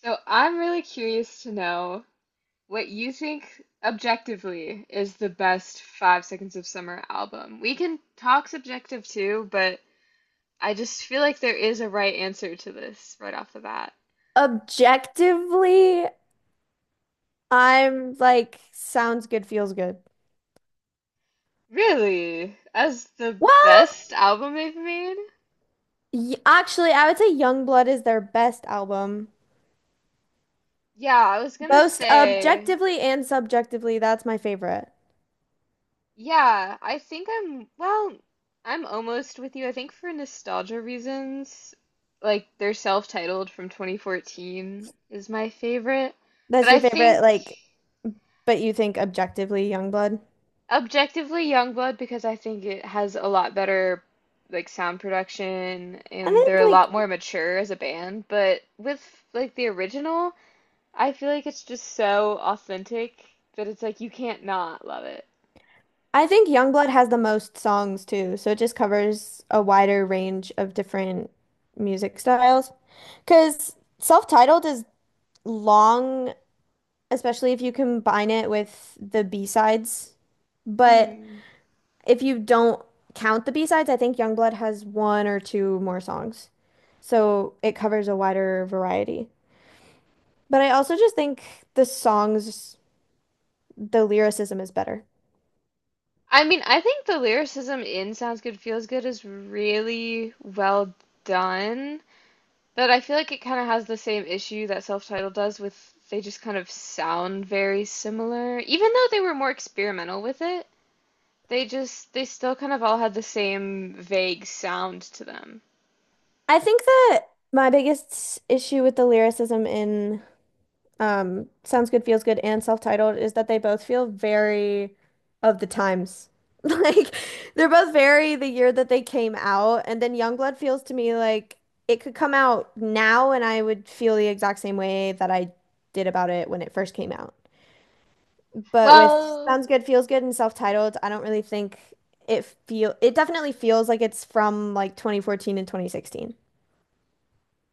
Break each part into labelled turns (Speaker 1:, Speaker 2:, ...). Speaker 1: So I'm really curious to know what you think objectively is the best Five Seconds of Summer album. We can talk subjective too, but I just feel like there is a right answer to this right off the bat.
Speaker 2: Objectively, I'm like, sounds good, feels good.
Speaker 1: Really? As the
Speaker 2: Well,
Speaker 1: best album they've made?
Speaker 2: y actually, I would say Youngblood is their best album.
Speaker 1: Yeah, I was gonna
Speaker 2: Both
Speaker 1: say.
Speaker 2: objectively and subjectively, that's my favorite.
Speaker 1: Yeah, I think well, I'm almost with you. I think for nostalgia reasons, like their self-titled from 2014 is my favorite. But
Speaker 2: That's
Speaker 1: I
Speaker 2: your favorite,
Speaker 1: think
Speaker 2: like, but you think objectively Youngblood?
Speaker 1: objectively Youngblood because I think it has a lot better like sound production
Speaker 2: I
Speaker 1: and they're
Speaker 2: think
Speaker 1: a
Speaker 2: like
Speaker 1: lot more mature as a band. But with like the original, I feel like it's just so authentic that it's like you can't not love it.
Speaker 2: I think Youngblood has the most songs too, so it just covers a wider range of different music styles. Because self-titled is long especially if you combine it with the B-sides. But if you don't count the B-sides, I think Youngblood has one or two more songs. So it covers a wider variety. But I also just think the songs, the lyricism is better.
Speaker 1: I mean, I think the lyricism in Sounds Good Feels Good is really well done, but I feel like it kind of has the same issue that self-titled does with they just kind of sound very similar. Even though they were more experimental with it, they still kind of all had the same vague sound to them.
Speaker 2: I think that my biggest issue with the lyricism in Sounds Good, Feels Good, and Self-Titled is that they both feel very of the times. Like they're both very the year that they came out, and then Youngblood feels to me like it could come out now and I would feel the exact same way that I did about it when it first came out. But with
Speaker 1: Well,
Speaker 2: Sounds Good, Feels Good, and Self-Titled, I don't really think it definitely feels like it's from like 2014 and 2016.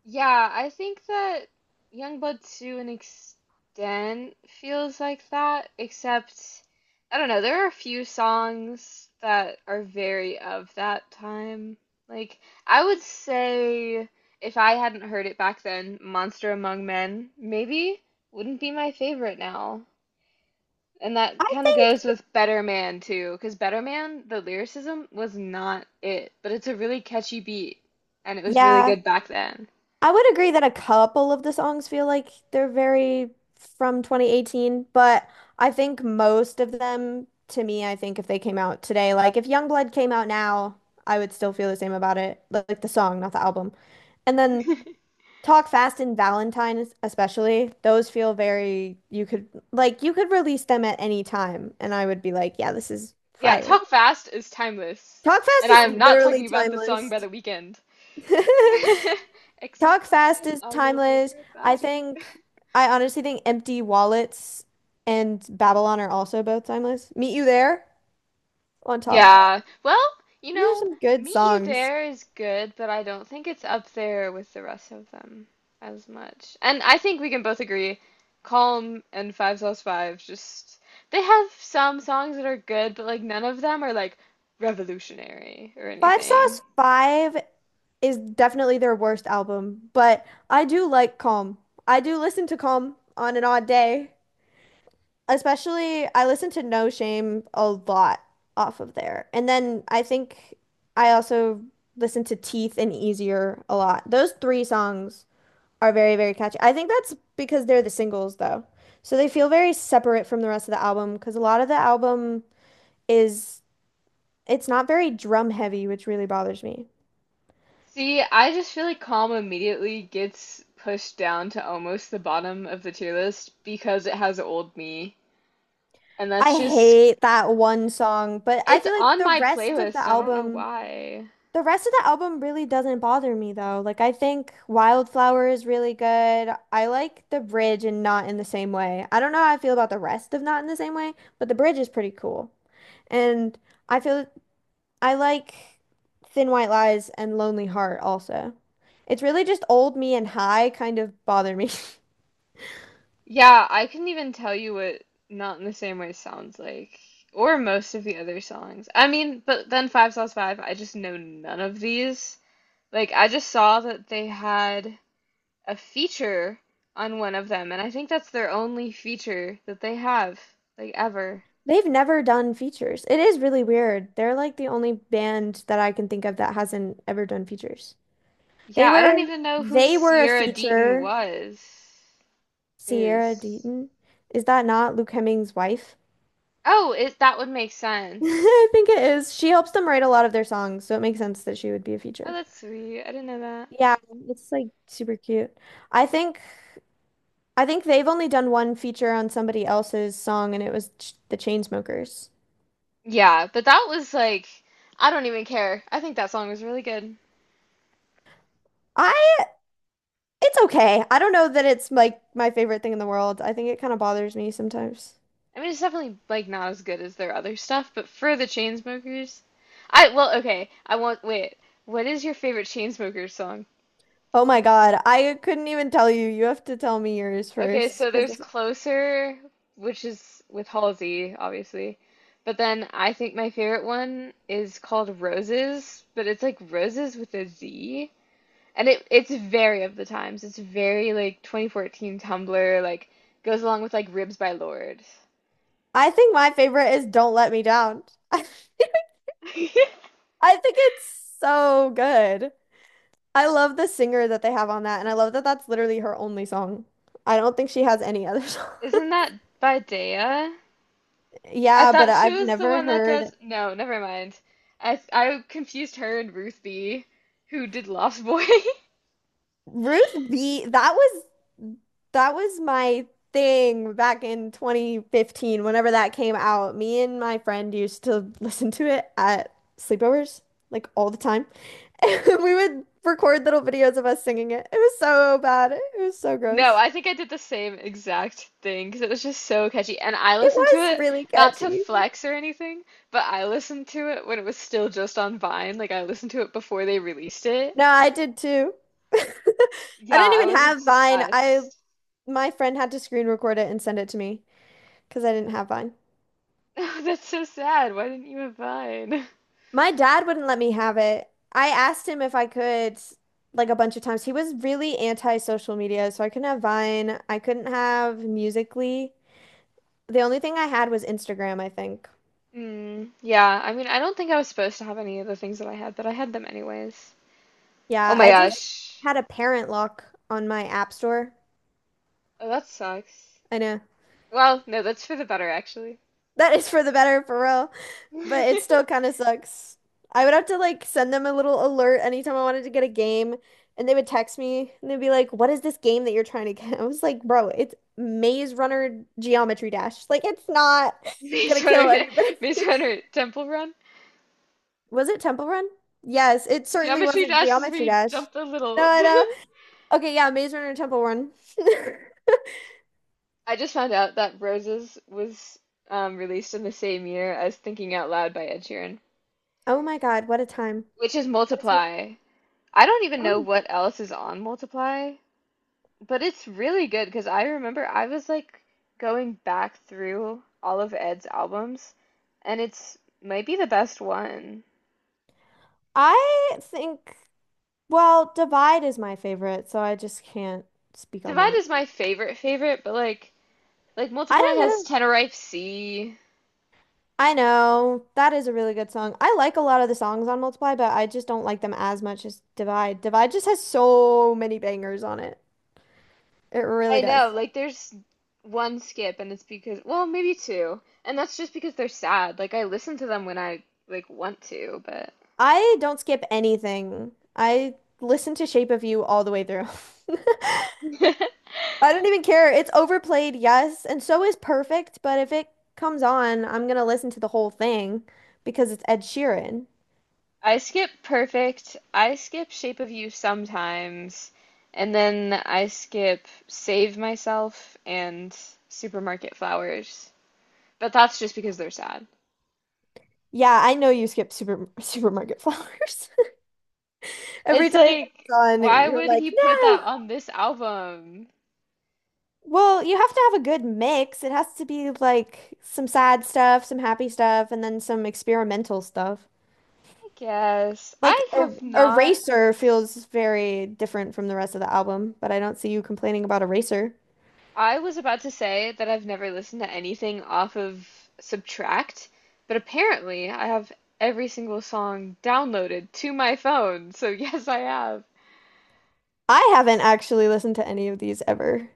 Speaker 1: yeah, I think that Youngblood to an extent feels like that, except I don't know, there are a few songs that are very of that time. Like I would say if I hadn't heard it back then, Monster Among Men maybe wouldn't be my favorite now. And that
Speaker 2: I
Speaker 1: kind of
Speaker 2: think,
Speaker 1: goes with Better Man too, because Better Man, the lyricism was not it, but it's a really catchy beat, and it was really
Speaker 2: yeah.
Speaker 1: good back then.
Speaker 2: I would agree that a couple of the songs feel like they're very from 2018, but I think most of them, to me, I think if they came out today, like if Youngblood came out now, I would still feel the same about it. Like the song, not the album. And then Talk Fast and Valentine, especially, those feel very, you could, like, you could release them at any time, and I would be like, yeah, this is
Speaker 1: Yeah,
Speaker 2: fire.
Speaker 1: Talk Fast is timeless.
Speaker 2: Talk Fast
Speaker 1: And I
Speaker 2: is
Speaker 1: am not
Speaker 2: literally
Speaker 1: talking about the song
Speaker 2: timeless.
Speaker 1: by The Weeknd. Except
Speaker 2: Talk fast
Speaker 1: tatted
Speaker 2: is
Speaker 1: all over
Speaker 2: timeless.
Speaker 1: her
Speaker 2: I
Speaker 1: body.
Speaker 2: think, I honestly think Empty Wallets and Babylon are also both timeless. Meet You There on top.
Speaker 1: Yeah, well, you
Speaker 2: These are
Speaker 1: know,
Speaker 2: some good
Speaker 1: Meet You
Speaker 2: songs.
Speaker 1: There is good, but I don't think it's up there with the rest of them as much. And I think we can both agree, Calm and Five Sauce Five just they have some songs that are good, but like none of them are like revolutionary or
Speaker 2: Five
Speaker 1: anything.
Speaker 2: Sauce Five is definitely their worst album, but I do like Calm. I do listen to Calm on an odd day. Especially, I listen to No Shame a lot off of there. And then I think I also listen to Teeth and Easier a lot. Those three songs. Are very, very catchy. I think that's because they're the singles, though. So they feel very separate from the rest of the album because a lot of the album is, it's not very drum heavy, which really bothers me.
Speaker 1: See, I just feel like Calm immediately gets pushed down to almost the bottom of the tier list because it has Old Me. And that's
Speaker 2: I
Speaker 1: just,
Speaker 2: hate that one song, but I
Speaker 1: it's
Speaker 2: feel like
Speaker 1: on
Speaker 2: the
Speaker 1: my
Speaker 2: rest of the
Speaker 1: playlist. I don't know
Speaker 2: album,
Speaker 1: why.
Speaker 2: the rest of the album really doesn't bother me, though. Like, I think Wildflower is really good. I like the bridge and Not in the Same Way. I don't know how I feel about the rest of Not in the Same Way, but the bridge is pretty cool. And I feel I like Thin White Lies and Lonely Heart also. It's really just Old Me and High kind of bother me.
Speaker 1: Yeah, I couldn't even tell you what Not in the Same Way sounds like, or most of the other songs. I mean, but then Five Sauce Five, I just know none of these. Like, I just saw that they had a feature on one of them, and I think that's their only feature that they have, like, ever.
Speaker 2: They've never done features. It is really weird. They're like the only band that I can think of that hasn't ever done features. They
Speaker 1: Yeah, I
Speaker 2: were
Speaker 1: don't even know who
Speaker 2: they were a
Speaker 1: Sierra Deaton
Speaker 2: feature.
Speaker 1: was.
Speaker 2: Sierra
Speaker 1: Is.
Speaker 2: Deaton. Is that not Luke Hemming's wife?
Speaker 1: Oh, it that would make sense.
Speaker 2: I think it is. She helps them write a lot of their songs, so it makes sense that she would be a
Speaker 1: Oh,
Speaker 2: feature.
Speaker 1: that's sweet. I didn't know that.
Speaker 2: Yeah, it's like super cute. I think I think they've only done one feature on somebody else's song, and it was Ch the Chainsmokers.
Speaker 1: Yeah, but that was like I don't even care. I think that song was really good.
Speaker 2: I it's okay. I don't know that it's like my favorite thing in the world. I think it kind of bothers me sometimes.
Speaker 1: I mean, it's definitely like not as good as their other stuff, but for the Chainsmokers, I well, okay, I want wait. What is your favorite Chainsmokers song?
Speaker 2: Oh my God, I couldn't even tell you. You have to tell me yours
Speaker 1: Okay,
Speaker 2: first,
Speaker 1: so there's
Speaker 2: because
Speaker 1: Closer, which is with Halsey, obviously. But then I think my favorite one is called Roses, but it's like Roses with a Z. And it's very of the times. It's very like 2014 Tumblr, like goes along with like Ribs by Lord.
Speaker 2: I think my favorite is "Don't Let Me Down." I think it's so good. I love the singer that they have on that, and I love that that's literally her only song. I don't think she has any other song.
Speaker 1: Isn't that by Daya? I
Speaker 2: Yeah, but
Speaker 1: thought she
Speaker 2: I've
Speaker 1: was the
Speaker 2: never
Speaker 1: one that does.
Speaker 2: heard.
Speaker 1: No, never mind. I confused her and Ruth B, who did Lost Boy.
Speaker 2: Ruth B, that was my thing back in 2015, whenever that came out. Me and my friend used to listen to it at sleepovers, like all the time. And we would record little videos of us singing it. It was so bad. It was so
Speaker 1: No,
Speaker 2: gross.
Speaker 1: I think I did the same exact thing because it was just so catchy. And I
Speaker 2: It
Speaker 1: listened to
Speaker 2: was
Speaker 1: it,
Speaker 2: really
Speaker 1: not to
Speaker 2: catchy.
Speaker 1: flex or anything, but I listened to it when it was still just on Vine. Like, I listened to it before they released it.
Speaker 2: No, I did too. I
Speaker 1: Yeah,
Speaker 2: didn't
Speaker 1: I
Speaker 2: even
Speaker 1: was
Speaker 2: have Vine. I
Speaker 1: obsessed.
Speaker 2: my friend had to screen record it and send it to me because I didn't have Vine.
Speaker 1: Oh, that's so sad. Why didn't you have Vine?
Speaker 2: My dad wouldn't let me have it. I asked him if I could, like a bunch of times. He was really anti-social media, so I couldn't have Vine. I couldn't have Musical.ly. The only thing I had was Instagram, I think.
Speaker 1: Mm, yeah, I mean, I don't think I was supposed to have any of the things that I had, but I had them anyways. Oh
Speaker 2: Yeah,
Speaker 1: my
Speaker 2: I just
Speaker 1: gosh.
Speaker 2: had a parent lock on my app store.
Speaker 1: Oh, that sucks.
Speaker 2: I know.
Speaker 1: Well, no, that's for the better, actually.
Speaker 2: That is for the better, for real. But it still kind of sucks. I would have to like send them a little alert anytime I wanted to get a game, and they would text me and they'd be like, "What is this game that you're trying to get?" I was like, "Bro, it's Maze Runner Geometry Dash. Like, it's not
Speaker 1: Maze
Speaker 2: gonna kill
Speaker 1: Runner,
Speaker 2: anybody."
Speaker 1: Maze Runner Temple Run.
Speaker 2: Was it Temple Run? Yes, it certainly
Speaker 1: Geometry
Speaker 2: wasn't
Speaker 1: Dash is where
Speaker 2: Geometry
Speaker 1: you
Speaker 2: Dash.
Speaker 1: jump the
Speaker 2: No,
Speaker 1: little.
Speaker 2: I know. Okay, yeah, Maze Runner Temple Run.
Speaker 1: I just found out that Roses was released in the same year as Thinking Out Loud by Ed Sheeran,
Speaker 2: Oh my God, what a time.
Speaker 1: which is
Speaker 2: What a time.
Speaker 1: Multiply. I don't even know
Speaker 2: Oh,
Speaker 1: what else is on Multiply, but it's really good because I remember I was like going back through all of Ed's albums, and it's might be the best one.
Speaker 2: I think. Well, Divide is my favorite, so I just can't speak on
Speaker 1: Divide
Speaker 2: that.
Speaker 1: is my favorite favorite, but like
Speaker 2: I
Speaker 1: Multiply
Speaker 2: don't
Speaker 1: has
Speaker 2: know.
Speaker 1: Tenerife Sea.
Speaker 2: I know. That is a really good song. I like a lot of the songs on Multiply, but I just don't like them as much as Divide. Divide just has so many bangers on it. It
Speaker 1: I
Speaker 2: really does.
Speaker 1: know, like there's one skip and it's because, well, maybe two. And that's just because they're sad. Like I listen to them when I like want to, but
Speaker 2: I don't skip anything. I listen to Shape of You all the way through. I don't even care. It's overplayed, yes, and so is Perfect, but if it comes on, I'm gonna listen to the whole thing because it's Ed Sheeran.
Speaker 1: I skip Perfect. I skip Shape of You sometimes. And then I skip Save Myself and Supermarket Flowers. But that's just because they're sad.
Speaker 2: Yeah, I know you skip supermarket flowers. Every
Speaker 1: It's
Speaker 2: time it
Speaker 1: like,
Speaker 2: comes on,
Speaker 1: why, yeah,
Speaker 2: you're
Speaker 1: would
Speaker 2: like,
Speaker 1: he put
Speaker 2: no.
Speaker 1: that on this album?
Speaker 2: Well, you have to have a good mix. It has to be like some sad stuff, some happy stuff, and then some experimental stuff.
Speaker 1: I guess.
Speaker 2: Like
Speaker 1: I have not
Speaker 2: Eraser feels very different from the rest of the album, but I don't see you complaining about Eraser.
Speaker 1: I was about to say that I've never listened to anything off of Subtract, but apparently I have every single song downloaded to my phone, so yes, I have.
Speaker 2: I haven't actually listened to any of these ever.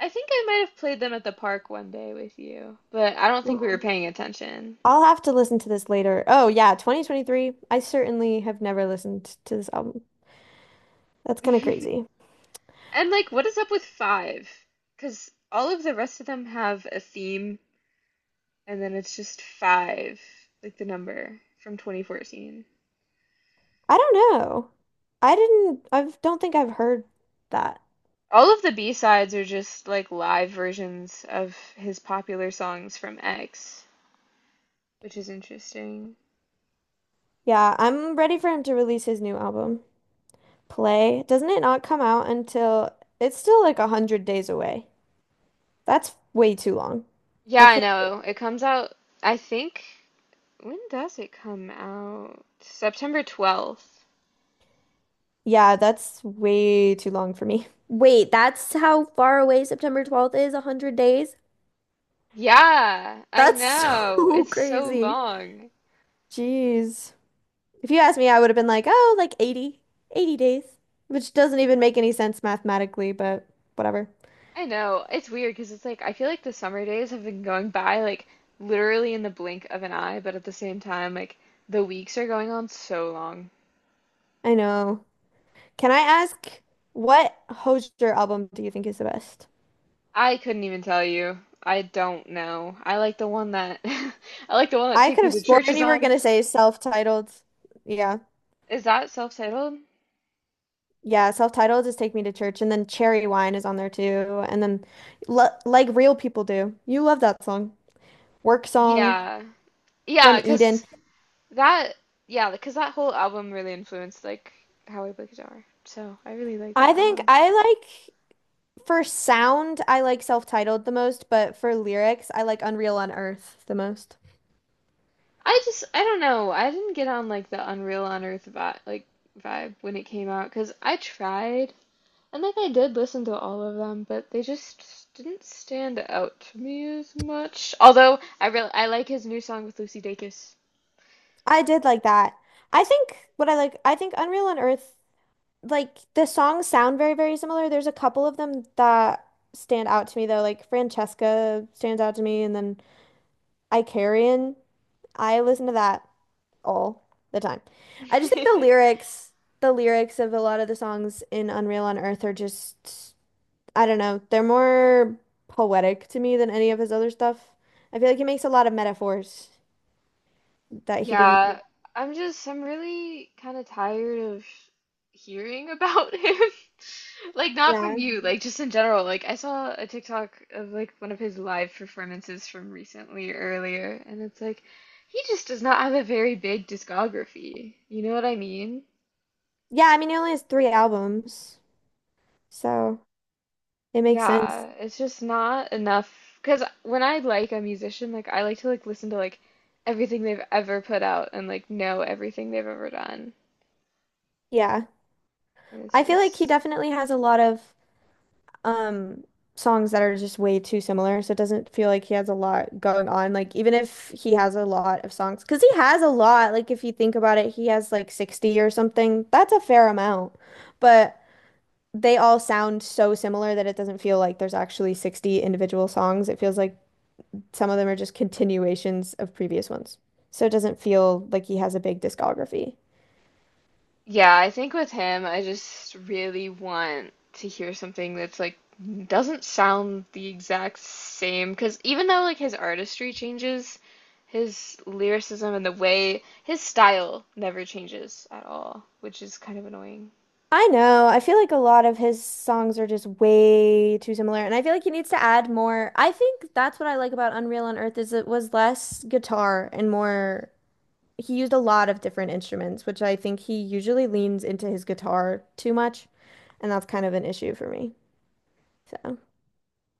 Speaker 1: I think I might have played them at the park one day with you, but I don't think we were
Speaker 2: Mm.
Speaker 1: paying attention.
Speaker 2: I'll have to listen to this later. Oh yeah, 2023. I certainly have never listened to this album. That's kind of crazy.
Speaker 1: And like, what is up with five? Because all of the rest of them have a theme, and then it's just five, like the number from 2014.
Speaker 2: I don't know. I don't think I've heard that.
Speaker 1: All of the B-sides are just like live versions of his popular songs from X, which is interesting.
Speaker 2: Yeah, I'm ready for him to release his new album, Play. Doesn't it not come out until it's still like 100 days away? That's way too long. I
Speaker 1: Yeah, I
Speaker 2: can't,
Speaker 1: know. It comes out, I think, when does it come out? September 12th.
Speaker 2: yeah, that's way too long for me. Wait, that's how far away September 12th is, 100 days?
Speaker 1: Yeah, I
Speaker 2: That's
Speaker 1: know.
Speaker 2: so
Speaker 1: It's so
Speaker 2: crazy.
Speaker 1: long.
Speaker 2: Jeez. If you asked me, I would have been like, oh, like 80, 80 days, which doesn't even make any sense mathematically, but whatever.
Speaker 1: I know. It's weird because it's like I feel like the summer days have been going by like literally in the blink of an eye, but at the same time, like the weeks are going on so long.
Speaker 2: I know. Can I ask what Hozier album do you think is the best?
Speaker 1: I couldn't even tell you. I don't know. I like the one that I like the one that
Speaker 2: I
Speaker 1: Take
Speaker 2: could
Speaker 1: Me
Speaker 2: have
Speaker 1: to
Speaker 2: sworn
Speaker 1: Church is
Speaker 2: you were
Speaker 1: on.
Speaker 2: gonna say self-titled. Yeah.
Speaker 1: Is that self-titled?
Speaker 2: Yeah, self-titled is Take Me to Church and then Cherry Wine is on there too. And then L Like Real People Do. You love that song. Work Song
Speaker 1: Yeah.
Speaker 2: from
Speaker 1: Yeah,
Speaker 2: Eden.
Speaker 1: that yeah, because that whole album really influenced like how I play guitar. So, I really like
Speaker 2: I
Speaker 1: that
Speaker 2: think
Speaker 1: album.
Speaker 2: I like for sound, I like self-titled the most, but for lyrics, I like Unreal on Earth the most.
Speaker 1: I don't know. I didn't get on like the Unreal on Earth vibe when it came out 'cause I tried and like I did listen to all of them, but they just didn't stand out to me as much. Although I like his new song with Lucy Dacus.
Speaker 2: I did like that. I think Unreal on Earth like the songs sound very, very similar. There's a couple of them that stand out to me though. Like Francesca stands out to me, and then Icarian. I listen to that all the time. I just think the lyrics of a lot of the songs in Unreal on Earth are just, I don't know, they're more poetic to me than any of his other stuff. I feel like he makes a lot of metaphors that he didn't.
Speaker 1: Yeah, I'm really kind of tired of hearing about him. Like not from
Speaker 2: Yeah.
Speaker 1: you, like just in general. Like I saw a TikTok of like one of his live performances from recently earlier, and it's like he just does not have a very big discography. You know what I mean?
Speaker 2: Yeah, I mean, he only has three albums, so it makes sense.
Speaker 1: Yeah, it's just not enough. Because when I like a musician, like I like to like listen to like everything they've ever put out and like know everything they've ever done.
Speaker 2: Yeah.
Speaker 1: And it's
Speaker 2: I feel like he
Speaker 1: just,
Speaker 2: definitely has a lot of um songs that are just way too similar, so it doesn't feel like he has a lot going on. Like even if he has a lot of songs, because he has a lot. Like if you think about it, he has like 60 or something. That's a fair amount. But they all sound so similar that it doesn't feel like there's actually 60 individual songs. It feels like some of them are just continuations of previous ones. So it doesn't feel like he has a big discography.
Speaker 1: yeah, I think with him, I just really want to hear something that's like doesn't sound the exact same. Because even though like his artistry changes, his lyricism and the way his style never changes at all, which is kind of annoying.
Speaker 2: I know. I feel like a lot of his songs are just way too similar, and I feel like he needs to add more. I think that's what I like about Unreal on Earth is it was less guitar and more. He used a lot of different instruments, which I think he usually leans into his guitar too much, and that's kind of an issue for me. So.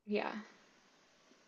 Speaker 1: Yeah.